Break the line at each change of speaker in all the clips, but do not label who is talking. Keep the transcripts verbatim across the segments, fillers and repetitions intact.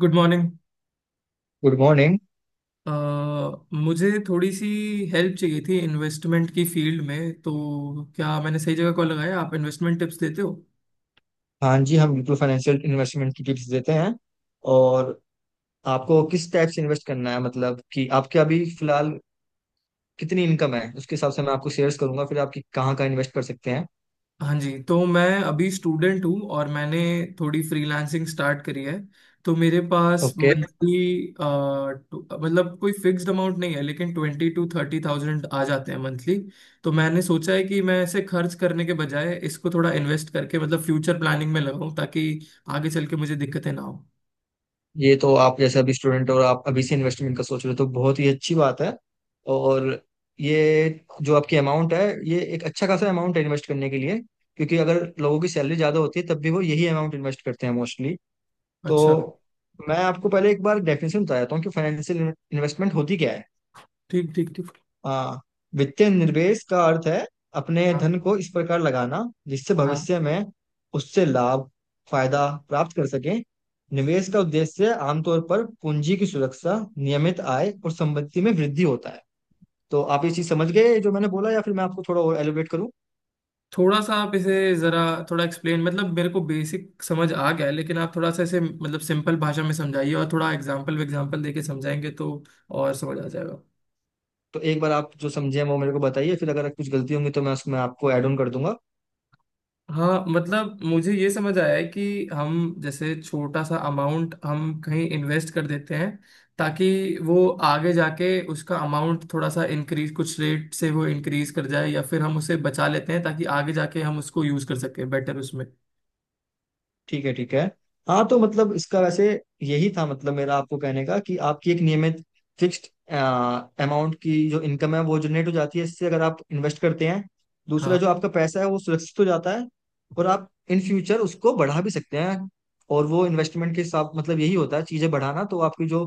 Good morning.
Good morning.
मुझे थोड़ी सी हेल्प चाहिए थी इन्वेस्टमेंट की फील्ड में, तो क्या मैंने सही जगह कॉल लगाया? आप इन्वेस्टमेंट टिप्स देते हो?
हाँ जी, हम बिल्कुल फाइनेंशियल इन्वेस्टमेंट की टिप्स देते हैं। और आपको किस टाइप से इन्वेस्ट करना है, मतलब कि आपके अभी फिलहाल कितनी इनकम है उसके हिसाब से मैं आपको शेयर्स करूंगा फिर आपकी कहाँ कहाँ इन्वेस्ट कर सकते हैं।
हाँ जी, तो मैं अभी स्टूडेंट हूँ और मैंने थोड़ी फ्रीलांसिंग स्टार्ट करी है। तो मेरे पास
ओके।
मंथली मतलब कोई फिक्स्ड अमाउंट नहीं है, लेकिन ट्वेंटी टू थर्टी थाउजेंड आ जाते हैं मंथली। तो मैंने सोचा है कि मैं ऐसे खर्च करने के बजाय इसको थोड़ा इन्वेस्ट करके मतलब फ्यूचर प्लानिंग में लगाऊं, ताकि आगे चल के मुझे दिक्कतें ना हो।
ये तो आप जैसे अभी स्टूडेंट और आप अभी से इन्वेस्टमेंट का सोच रहे हो तो बहुत ही अच्छी बात है। और ये जो आपकी अमाउंट है ये एक अच्छा खासा अमाउंट है इन्वेस्ट करने के लिए, क्योंकि अगर लोगों की सैलरी ज़्यादा होती है तब भी वो यही अमाउंट इन्वेस्ट करते हैं मोस्टली। तो
अच्छा।
मैं आपको पहले एक बार डेफिनेशन बता देता हूँ कि फाइनेंशियल इन्वेस्टमेंट होती क्या है।
ठीक ठीक ठीक।
आ, वित्तीय निवेश का अर्थ है अपने
हाँ
धन को इस प्रकार लगाना जिससे
हाँ।
भविष्य में उससे लाभ फायदा प्राप्त कर सकें। निवेश का उद्देश्य आमतौर पर पूंजी की सुरक्षा, नियमित आय और संपत्ति में वृद्धि होता है। तो आप ये चीज समझ गए जो मैंने बोला या फिर मैं आपको थोड़ा और एलिब्रेट करूँ।
थोड़ा सा आप इसे जरा थोड़ा एक्सप्लेन, मतलब मेरे को बेसिक समझ आ गया है, लेकिन आप थोड़ा सा इसे मतलब सिंपल भाषा में समझाइए और थोड़ा एग्जाम्पल एग्जाम्पल देके समझाएंगे तो और समझ आ जाएगा।
तो एक बार आप जो समझे हैं वो मेरे को बताइए फिर अगर कुछ गलती होंगी तो मैं उसमें आपको ऐड ऑन कर दूंगा।
हाँ मतलब मुझे ये समझ आया है कि हम जैसे छोटा सा अमाउंट हम कहीं इन्वेस्ट कर देते हैं, ताकि वो आगे जाके उसका अमाउंट थोड़ा सा इंक्रीज, कुछ रेट से वो इंक्रीज कर जाए या फिर हम उसे बचा लेते हैं ताकि आगे जाके हम उसको यूज कर सकें बेटर उसमें।
ठीक है ठीक है। हाँ, तो मतलब इसका वैसे यही था, मतलब मेरा आपको कहने का कि आपकी एक नियमित फिक्स्ड अमाउंट की जो इनकम है वो जनरेट हो जाती है इससे अगर आप इन्वेस्ट करते हैं। दूसरा,
हाँ।
जो आपका पैसा है वो सुरक्षित हो जाता है। और आप इन फ्यूचर उसको बढ़ा भी सकते हैं। और वो इन्वेस्टमेंट के साथ मतलब यही होता है चीजें बढ़ाना, तो आपकी जो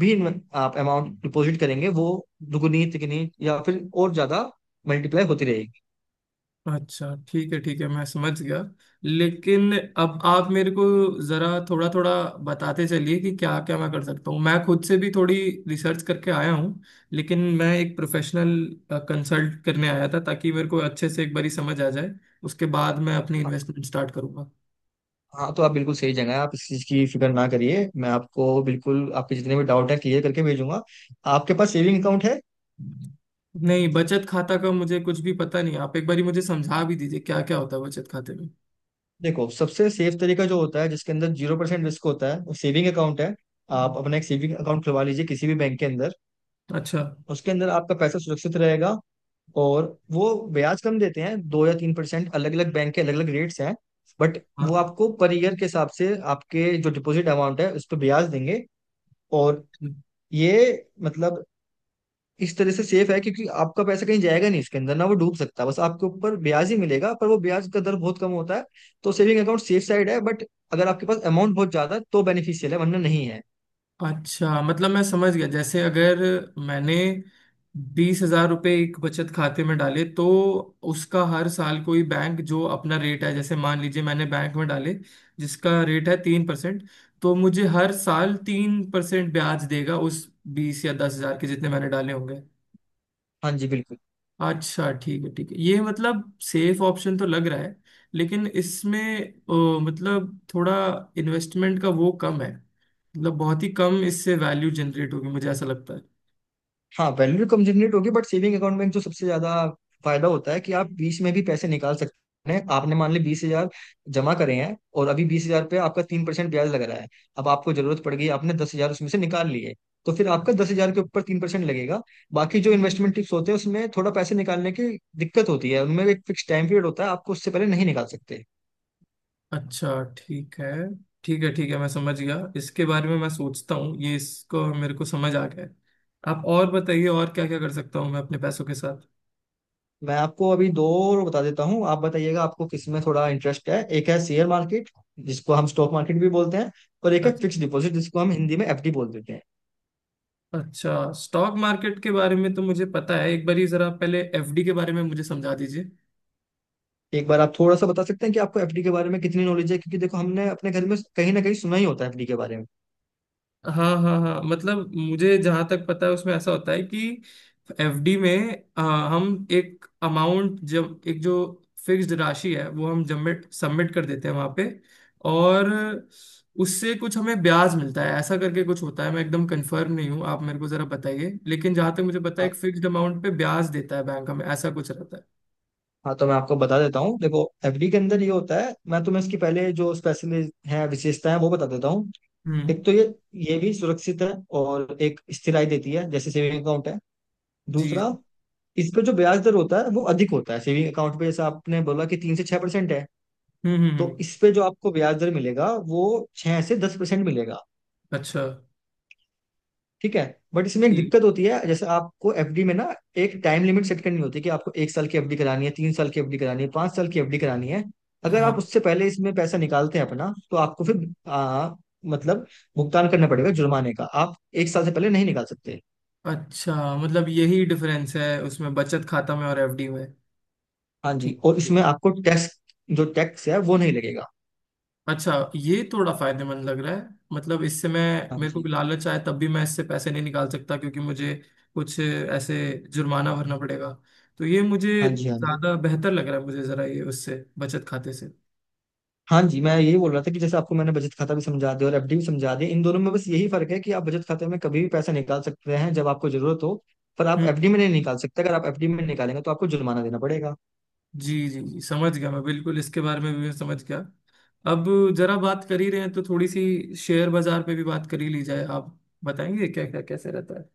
भी इन्वे- आप अमाउंट डिपॉजिट करेंगे वो दुगुनी तिगुनी या फिर और ज्यादा मल्टीप्लाई होती रहेगी।
अच्छा ठीक है ठीक है मैं समझ गया। लेकिन अब आप मेरे को जरा थोड़ा थोड़ा बताते चलिए कि क्या क्या मैं कर सकता हूँ। मैं खुद से भी थोड़ी रिसर्च करके आया हूँ, लेकिन मैं एक प्रोफेशनल कंसल्ट करने आया था ताकि मेरे को अच्छे से एक बारी समझ आ जाए। उसके बाद मैं अपनी इन्वेस्टमेंट स्टार्ट करूंगा।
हाँ, तो आप बिल्कुल सही जगह है, आप इस चीज़ की फिक्र ना करिए, मैं आपको बिल्कुल आपके जितने भी डाउट है क्लियर करके भेजूंगा। आपके पास सेविंग अकाउंट है।
नहीं, बचत खाता का मुझे कुछ भी पता नहीं। आप एक बारी मुझे समझा भी दीजिए क्या क्या होता है बचत खाते में।
देखो, सबसे सेफ तरीका जो होता है जिसके अंदर जीरो परसेंट रिस्क होता है वो सेविंग अकाउंट है। आप अपना एक सेविंग अकाउंट खुलवा लीजिए किसी भी बैंक के अंदर।
अच्छा।
उसके अंदर आपका पैसा सुरक्षित रहेगा। और वो ब्याज कम देते हैं, दो या तीन परसेंट, अलग अलग बैंक के अलग अलग रेट्स हैं। बट
हाँ।
वो आपको पर ईयर के हिसाब से आपके जो डिपॉजिट अमाउंट है उस पर ब्याज देंगे। और ये मतलब इस तरह से सेफ है क्योंकि आपका पैसा कहीं जाएगा नहीं इसके अंदर, ना वो डूब सकता है, बस आपके ऊपर ब्याज ही मिलेगा, पर वो ब्याज का दर बहुत कम होता है। तो सेविंग अकाउंट सेफ साइड है, बट अगर आपके पास अमाउंट बहुत ज्यादा है तो बेनिफिशियल है वरना नहीं है।
अच्छा मतलब मैं समझ गया, जैसे अगर मैंने बीस हजार रुपये एक बचत खाते में डाले, तो उसका हर साल कोई बैंक जो अपना रेट है, जैसे मान लीजिए मैंने बैंक में डाले जिसका रेट है तीन परसेंट, तो मुझे हर साल तीन परसेंट ब्याज देगा उस बीस या दस हजार के, जितने मैंने डाले होंगे।
हाँ जी, बिल्कुल।
अच्छा ठीक है ठीक है ये मतलब सेफ ऑप्शन तो लग रहा है। लेकिन इसमें अ, मतलब थोड़ा इन्वेस्टमेंट का वो कम है, मतलब बहुत ही कम, इससे वैल्यू जनरेट होगी, मुझे ऐसा लगता है।
हाँ, वैल्यू कम जनरेट होगी, बट सेविंग अकाउंट में जो सबसे ज्यादा फायदा होता है कि आप बीच में भी पैसे निकाल सकते हैं। आपने मान ली बीस हजार जमा करे हैं और अभी बीस हजार पे आपका तीन परसेंट ब्याज लग रहा है। अब आपको जरूरत पड़ गई, आपने दस हजार उसमें से निकाल लिए, तो फिर आपका दस हजार के ऊपर तीन परसेंट लगेगा। बाकी जो इन्वेस्टमेंट टिप्स होते हैं उसमें थोड़ा पैसे निकालने की दिक्कत होती है, उनमें एक फिक्स टाइम पीरियड होता है, आपको उससे पहले नहीं निकाल सकते।
अच्छा ठीक है ठीक है ठीक है मैं समझ गया। इसके बारे में मैं सोचता हूँ ये इसको मेरे को समझ आ गया है। आप और बताइए और क्या क्या कर सकता हूँ मैं अपने पैसों के साथ।
मैं आपको अभी दो और बता देता हूँ, आप बताइएगा आपको किस में थोड़ा इंटरेस्ट है। एक है शेयर मार्केट जिसको हम स्टॉक मार्केट भी बोलते हैं, और एक है
अच-
फिक्स्ड डिपॉजिट जिसको हम हिंदी में एफ डी बोल देते हैं।
अच्छा। स्टॉक मार्केट के बारे में तो मुझे पता है, एक बार ही जरा पहले एफ डी के बारे में मुझे समझा दीजिए।
एक बार आप थोड़ा सा बता सकते हैं कि आपको एफ डी के बारे में कितनी नॉलेज है, क्योंकि देखो हमने अपने घर में कहीं ना कहीं सुना ही होता है एफ डी के बारे में।
हाँ हाँ हाँ, मतलब मुझे जहां तक पता है उसमें ऐसा होता है कि एफ डी में आ, हम एक अमाउंट, जब एक जो फिक्स्ड राशि है वो हम सबमिट सबमिट कर देते हैं वहां पे और उससे कुछ हमें ब्याज मिलता है, ऐसा करके कुछ होता है। मैं एकदम कंफर्म नहीं हूँ, आप मेरे को जरा बताइए। लेकिन जहां तक मुझे पता है
हाँ
एक फिक्स्ड अमाउंट पे ब्याज देता है बैंक हमें, ऐसा कुछ रहता है।
हाँ, तो मैं आपको बता देता हूँ। देखो, एफ डी के अंदर ये होता है, मैं तुम्हें इसकी पहले जो स्पेशलिस्ट है विशेषता है वो बता देता हूँ। एक
हम्म
तो ये ये भी सुरक्षित है और एक स्थिराई देती है जैसे सेविंग अकाउंट है।
जी।
दूसरा, इस पे जो ब्याज दर होता है वो अधिक होता है सेविंग अकाउंट पे। जैसे आपने बोला कि तीन से छह परसेंट है,
हम्म हम्म
तो
हम्म।
इस पे जो आपको ब्याज दर मिलेगा वो छह से दस परसेंट मिलेगा।
अच्छा।
ठीक है। बट इसमें एक
जी।
दिक्कत होती है, जैसे आपको एफडी में ना एक टाइम लिमिट सेट करनी होती है कि आपको एक साल की एफ डी करानी है, तीन साल की एफ डी करानी है, पांच साल की एफ डी करानी है। अगर
हाँ।
आप उससे पहले इसमें पैसा निकालते हैं अपना, तो आपको फिर आ, मतलब भुगतान करना पड़ेगा जुर्माने का, आप एक साल से पहले नहीं निकाल सकते।
अच्छा मतलब यही डिफरेंस है उसमें बचत खाता में और एफ डी में?
हाँ जी,
ठीक
और इसमें
ठीक।
आपको टैक्स, जो टैक्स है वो नहीं लगेगा।
अच्छा ये थोड़ा फायदेमंद लग रहा है, मतलब इससे मैं
हाँ
मेरे को भी
जी
लालच आए तब भी मैं इससे पैसे नहीं निकाल सकता क्योंकि मुझे कुछ ऐसे जुर्माना भरना पड़ेगा। तो ये मुझे
हाँ जी हाँ जी
ज्यादा बेहतर लग रहा है मुझे, जरा ये उससे बचत खाते से।
हाँ जी, मैं यही बोल रहा था कि जैसे आपको मैंने बचत खाता भी समझा दिया और एफ डी भी समझा दिया, इन दोनों में बस यही फर्क है कि आप बचत खाते में कभी भी पैसा निकाल सकते हैं जब आपको जरूरत हो, पर आप
हम्म।
एफ डी में नहीं निकाल सकते। अगर आप एफ डी में निकालेंगे तो आपको जुर्माना देना पड़ेगा।
जी जी जी, समझ गया मैं बिल्कुल, इसके बारे में भी मैं समझ गया। अब जरा बात कर ही रहे हैं तो थोड़ी सी शेयर बाजार पे भी बात कर ही ली जाए। आप बताएंगे क्या क्या कैसे रहता है?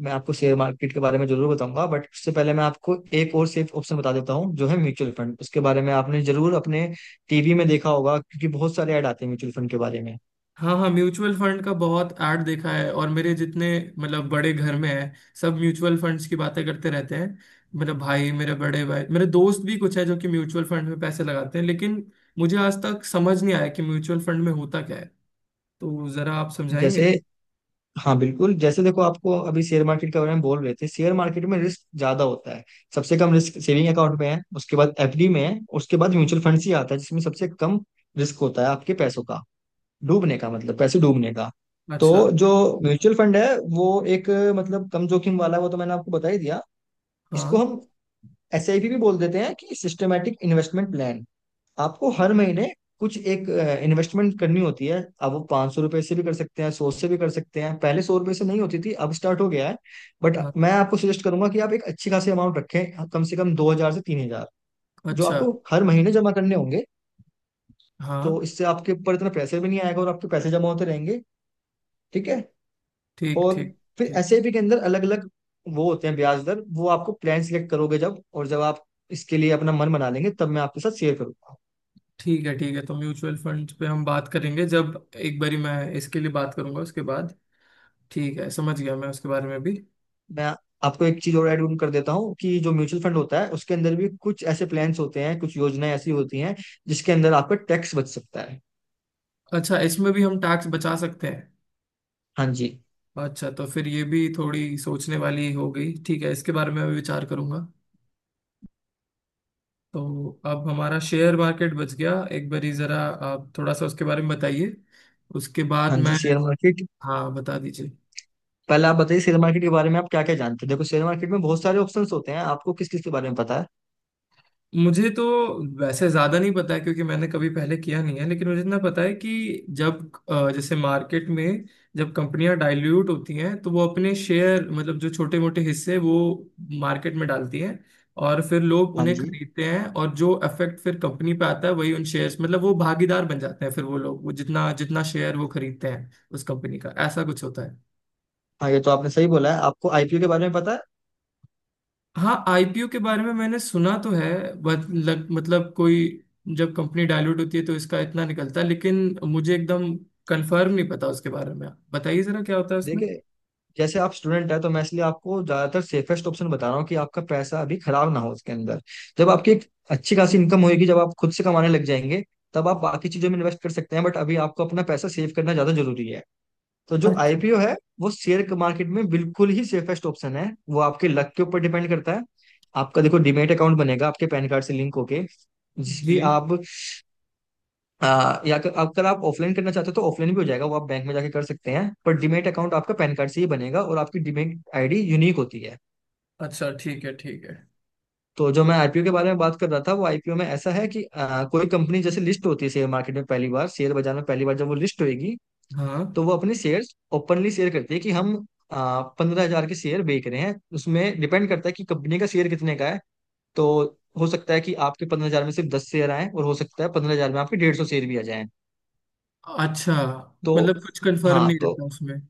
मैं आपको शेयर मार्केट के बारे में जरूर बताऊंगा बट उससे पहले मैं आपको एक और सेफ ऑप्शन बता देता हूँ जो है म्यूचुअल फंड। उसके बारे में आपने जरूर अपने टी वी में देखा होगा, क्योंकि बहुत सारे ऐड आते हैं म्यूचुअल फंड के बारे में।
हाँ हाँ, म्यूचुअल फंड का बहुत ऐड देखा है और मेरे जितने मतलब बड़े घर में है सब म्यूचुअल फंड्स की बातें करते रहते हैं। मेरा भाई, मेरे बड़े भाई, मेरे दोस्त भी कुछ है जो कि म्यूचुअल फंड में पैसे लगाते हैं, लेकिन मुझे आज तक समझ नहीं आया कि म्यूचुअल फंड में होता क्या है, तो जरा आप समझाएंगे।
जैसे हाँ, बिल्कुल। जैसे देखो, आपको अभी शेयर मार्केट के बारे में बोल रहे थे, शेयर मार्केट में रिस्क ज्यादा होता है। सबसे कम रिस्क सेविंग अकाउंट में है, उसके बाद एफ डी में है, उसके बाद म्यूचुअल फंड ही आता है जिसमें सबसे कम रिस्क होता है आपके पैसों का डूबने का, मतलब पैसे डूबने का। तो
अच्छा।
जो म्यूचुअल फंड है वो एक, मतलब कम जोखिम वाला है, वो तो मैंने आपको बता ही दिया। इसको
हाँ।
हम एस आई पी भी बोल देते हैं कि सिस्टमेटिक इन्वेस्टमेंट प्लान। आपको हर महीने कुछ एक इन्वेस्टमेंट करनी होती है। अब वो पाँच सौ रुपए से भी कर सकते हैं, सौ से भी कर सकते हैं। पहले सौ रुपए से नहीं होती थी, अब स्टार्ट हो गया है। बट
हाँ।
मैं आपको सजेस्ट करूंगा कि आप एक अच्छी खासी अमाउंट रखें, कम से कम दो हजार से तीन हजार जो
अच्छा।
आपको हर महीने जमा करने होंगे।
हाँ।
तो इससे आपके ऊपर इतना प्रेशर भी नहीं आएगा और आपके पैसे जमा होते रहेंगे। ठीक है।
ठीक।
और
ठीक
फिर
ठीक।
एस आई पी के अंदर अलग अलग वो होते हैं ब्याज दर, वो आपको प्लान सिलेक्ट करोगे जब और जब आप इसके लिए अपना मन बना लेंगे तब मैं आपके साथ शेयर करूंगा।
ठीक है ठीक है, तो म्यूचुअल फंड पे हम बात करेंगे जब एक बारी मैं इसके लिए बात करूंगा उसके बाद। ठीक है, समझ गया मैं उसके बारे में भी।
मैं आपको एक चीज और ऐड ऑन कर देता हूँ कि जो म्यूचुअल फंड होता है उसके अंदर भी कुछ ऐसे प्लान्स होते हैं, कुछ योजनाएं ऐसी होती हैं जिसके अंदर आपका टैक्स बच सकता है।
अच्छा, इसमें भी हम टैक्स बचा सकते हैं?
हाँ जी।
अच्छा, तो फिर ये भी थोड़ी सोचने वाली हो गई। ठीक है, इसके बारे में मैं विचार करूंगा। तो अब हमारा शेयर मार्केट बच गया, एक बारी जरा आप थोड़ा सा उसके बारे में बताइए। उसके बाद
हाँ जी,
मैं
शेयर मार्केट।
हाँ बता दीजिए।
पहले आप बताइए शेयर मार्केट के बारे में आप क्या क्या जानते हैं, देखो शेयर मार्केट में बहुत सारे ऑप्शंस होते हैं, आपको किस किस के बारे में पता है।
मुझे तो वैसे ज्यादा नहीं पता है क्योंकि मैंने कभी पहले किया नहीं है, लेकिन मुझे इतना पता है कि जब अ, जैसे मार्केट में जब कंपनियां डाइल्यूट होती हैं तो वो अपने शेयर, मतलब जो छोटे मोटे हिस्से वो मार्केट में डालती हैं और फिर लोग
हाँ
उन्हें
जी।
खरीदते हैं और जो इफेक्ट फिर कंपनी पे आता है वही, उन शेयर्स मतलब वो भागीदार बन जाते हैं फिर वो लोग, वो जितना जितना शेयर वो खरीदते हैं उस कंपनी का, ऐसा कुछ होता है।
हाँ, ये तो आपने सही बोला है, आपको आई पी ओ के बारे में पता है।
हाँ आई पी ओ के बारे में मैंने सुना तो है, बट लग, मतलब कोई जब कंपनी डायल्यूट होती है तो इसका इतना निकलता है, लेकिन मुझे एकदम कंफर्म नहीं पता उसके बारे में। आप बताइए जरा क्या होता है उसमें।
देखिए, जैसे आप स्टूडेंट है तो मैं इसलिए आपको ज्यादातर सेफेस्ट ऑप्शन बता रहा हूँ कि आपका पैसा अभी खराब ना हो उसके अंदर। जब आपकी एक अच्छी खासी इनकम होगी, जब आप खुद से कमाने लग जाएंगे, तब आप बाकी चीजों में इन्वेस्ट कर सकते हैं, बट अभी आपको अपना पैसा सेव करना ज्यादा जरूरी है। तो जो
अच्छा।
आई पी ओ है वो शेयर मार्केट में बिल्कुल ही सेफेस्ट ऑप्शन है, वो आपके लक के ऊपर डिपेंड करता है। आपका देखो डीमेट अकाउंट बनेगा आपके पैन कार्ड से लिंक होके, जिस भी
जी।
आप। हाँ, या अगर अगर आप ऑफलाइन करना चाहते हो तो ऑफलाइन भी हो जाएगा, वो आप बैंक में जाके कर सकते हैं। पर डीमैट अकाउंट आपका पैन कार्ड से ही बनेगा, और आपकी डीमैट आईडी यूनिक होती है।
अच्छा। ठीक है ठीक है।
तो जो मैं आई पी ओ के बारे में बात कर रहा था, वो आई पी ओ में ऐसा है कि अ, कोई कंपनी जैसे लिस्ट होती है शेयर मार्केट में पहली बार, शेयर बाजार में पहली बार जब वो लिस्ट होगी
हाँ।
तो वो अपने शेयर ओपनली शेयर करती है कि हम पंद्रह हजार के शेयर बेच रहे हैं, उसमें डिपेंड करता है कि कंपनी का शेयर कितने का है। तो हो सकता है कि आपके पंद्रह हजार में सिर्फ दस शेयर आए, और हो सकता है पंद्रह हजार में आपके डेढ़ सौ शेयर भी आ जाए।
अच्छा
तो।
मतलब कुछ कंफर्म
हाँ,
नहीं
तो
रहता उसमें?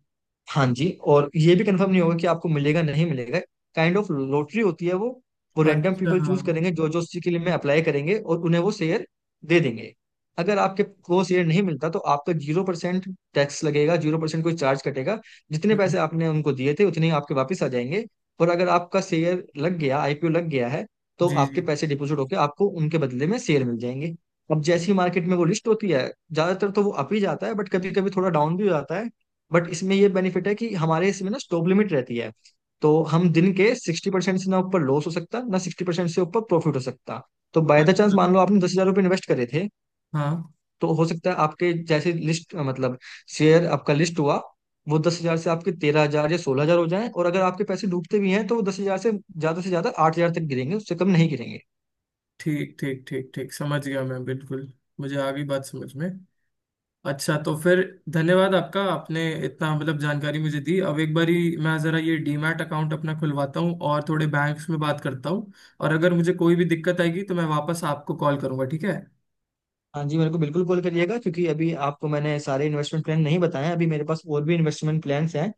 हाँ जी, और ये भी कंफर्म नहीं होगा कि आपको मिलेगा नहीं मिलेगा, काइंड ऑफ लॉटरी होती है वो वो रैंडम
अच्छा।
पीपल
हाँ।
चूज करेंगे जो जो उसी के लिए में अप्लाई करेंगे, और उन्हें वो शेयर दे देंगे। अगर आपके को शेयर नहीं मिलता तो आपका जीरो परसेंट टैक्स लगेगा, जीरो परसेंट कोई चार्ज कटेगा, जितने
हम्म,
पैसे आपने उनको दिए थे उतने ही आपके वापस आ जाएंगे। और अगर आपका शेयर लग गया, आई पी ओ लग गया है, तो
जी
आपके
जी।
पैसे डिपोजिट होकर आपको उनके बदले में शेयर मिल जाएंगे। अब जैसी मार्केट में वो लिस्ट होती है, ज्यादातर तो वो अप ही जाता है बट कभी कभी थोड़ा डाउन भी हो जाता है। बट इसमें ये बेनिफिट है कि हमारे इसमें ना स्टॉप लिमिट रहती है, तो हम दिन के सिक्सटी परसेंट से ना ऊपर लॉस हो सकता ना सिक्सटी परसेंट से ऊपर प्रॉफिट हो सकता। तो बाय द चांस
अच्छा।
मान लो आपने दस हजार रुपये इन्वेस्ट करे थे,
हाँ।
तो हो सकता है आपके जैसे लिस्ट, मतलब शेयर आपका लिस्ट हुआ, वो दस हजार से आपके तेरह हजार या सोलह हजार हो जाए, और अगर आपके पैसे डूबते भी हैं तो वो दस हजार से ज्यादा से ज्यादा आठ हजार तक गिरेंगे, उससे कम नहीं गिरेंगे।
ठीक ठीक ठीक ठीक, समझ गया मैं बिल्कुल, मुझे आ गई बात समझ में। अच्छा, तो फिर धन्यवाद आपका, आपने इतना मतलब जानकारी मुझे दी। अब एक बारी मैं ज़रा ये डी मैट अकाउंट अपना खुलवाता हूँ और थोड़े बैंक्स में बात करता हूँ, और अगर मुझे कोई भी दिक्कत आएगी तो मैं वापस आपको कॉल करूँगा, ठीक है?
हाँ जी, मेरे को बिल्कुल कॉल करिएगा क्योंकि अभी आपको मैंने सारे इन्वेस्टमेंट प्लान नहीं बताए, अभी मेरे पास और भी इन्वेस्टमेंट प्लान्स हैं।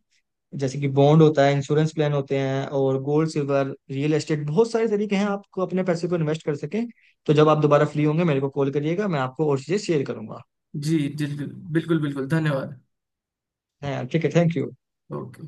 जैसे कि बॉन्ड होता है, इंश्योरेंस प्लान होते हैं, और गोल्ड सिल्वर रियल एस्टेट, बहुत सारे तरीके हैं आपको अपने पैसे को इन्वेस्ट कर सकें। तो जब आप दोबारा फ्री होंगे मेरे को कॉल करिएगा, मैं आपको और चीजें शेयर करूंगा।
जी जी बिल्कुल बिल्कुल धन्यवाद।
हैं, ठीक है, थैंक यू।
ओके।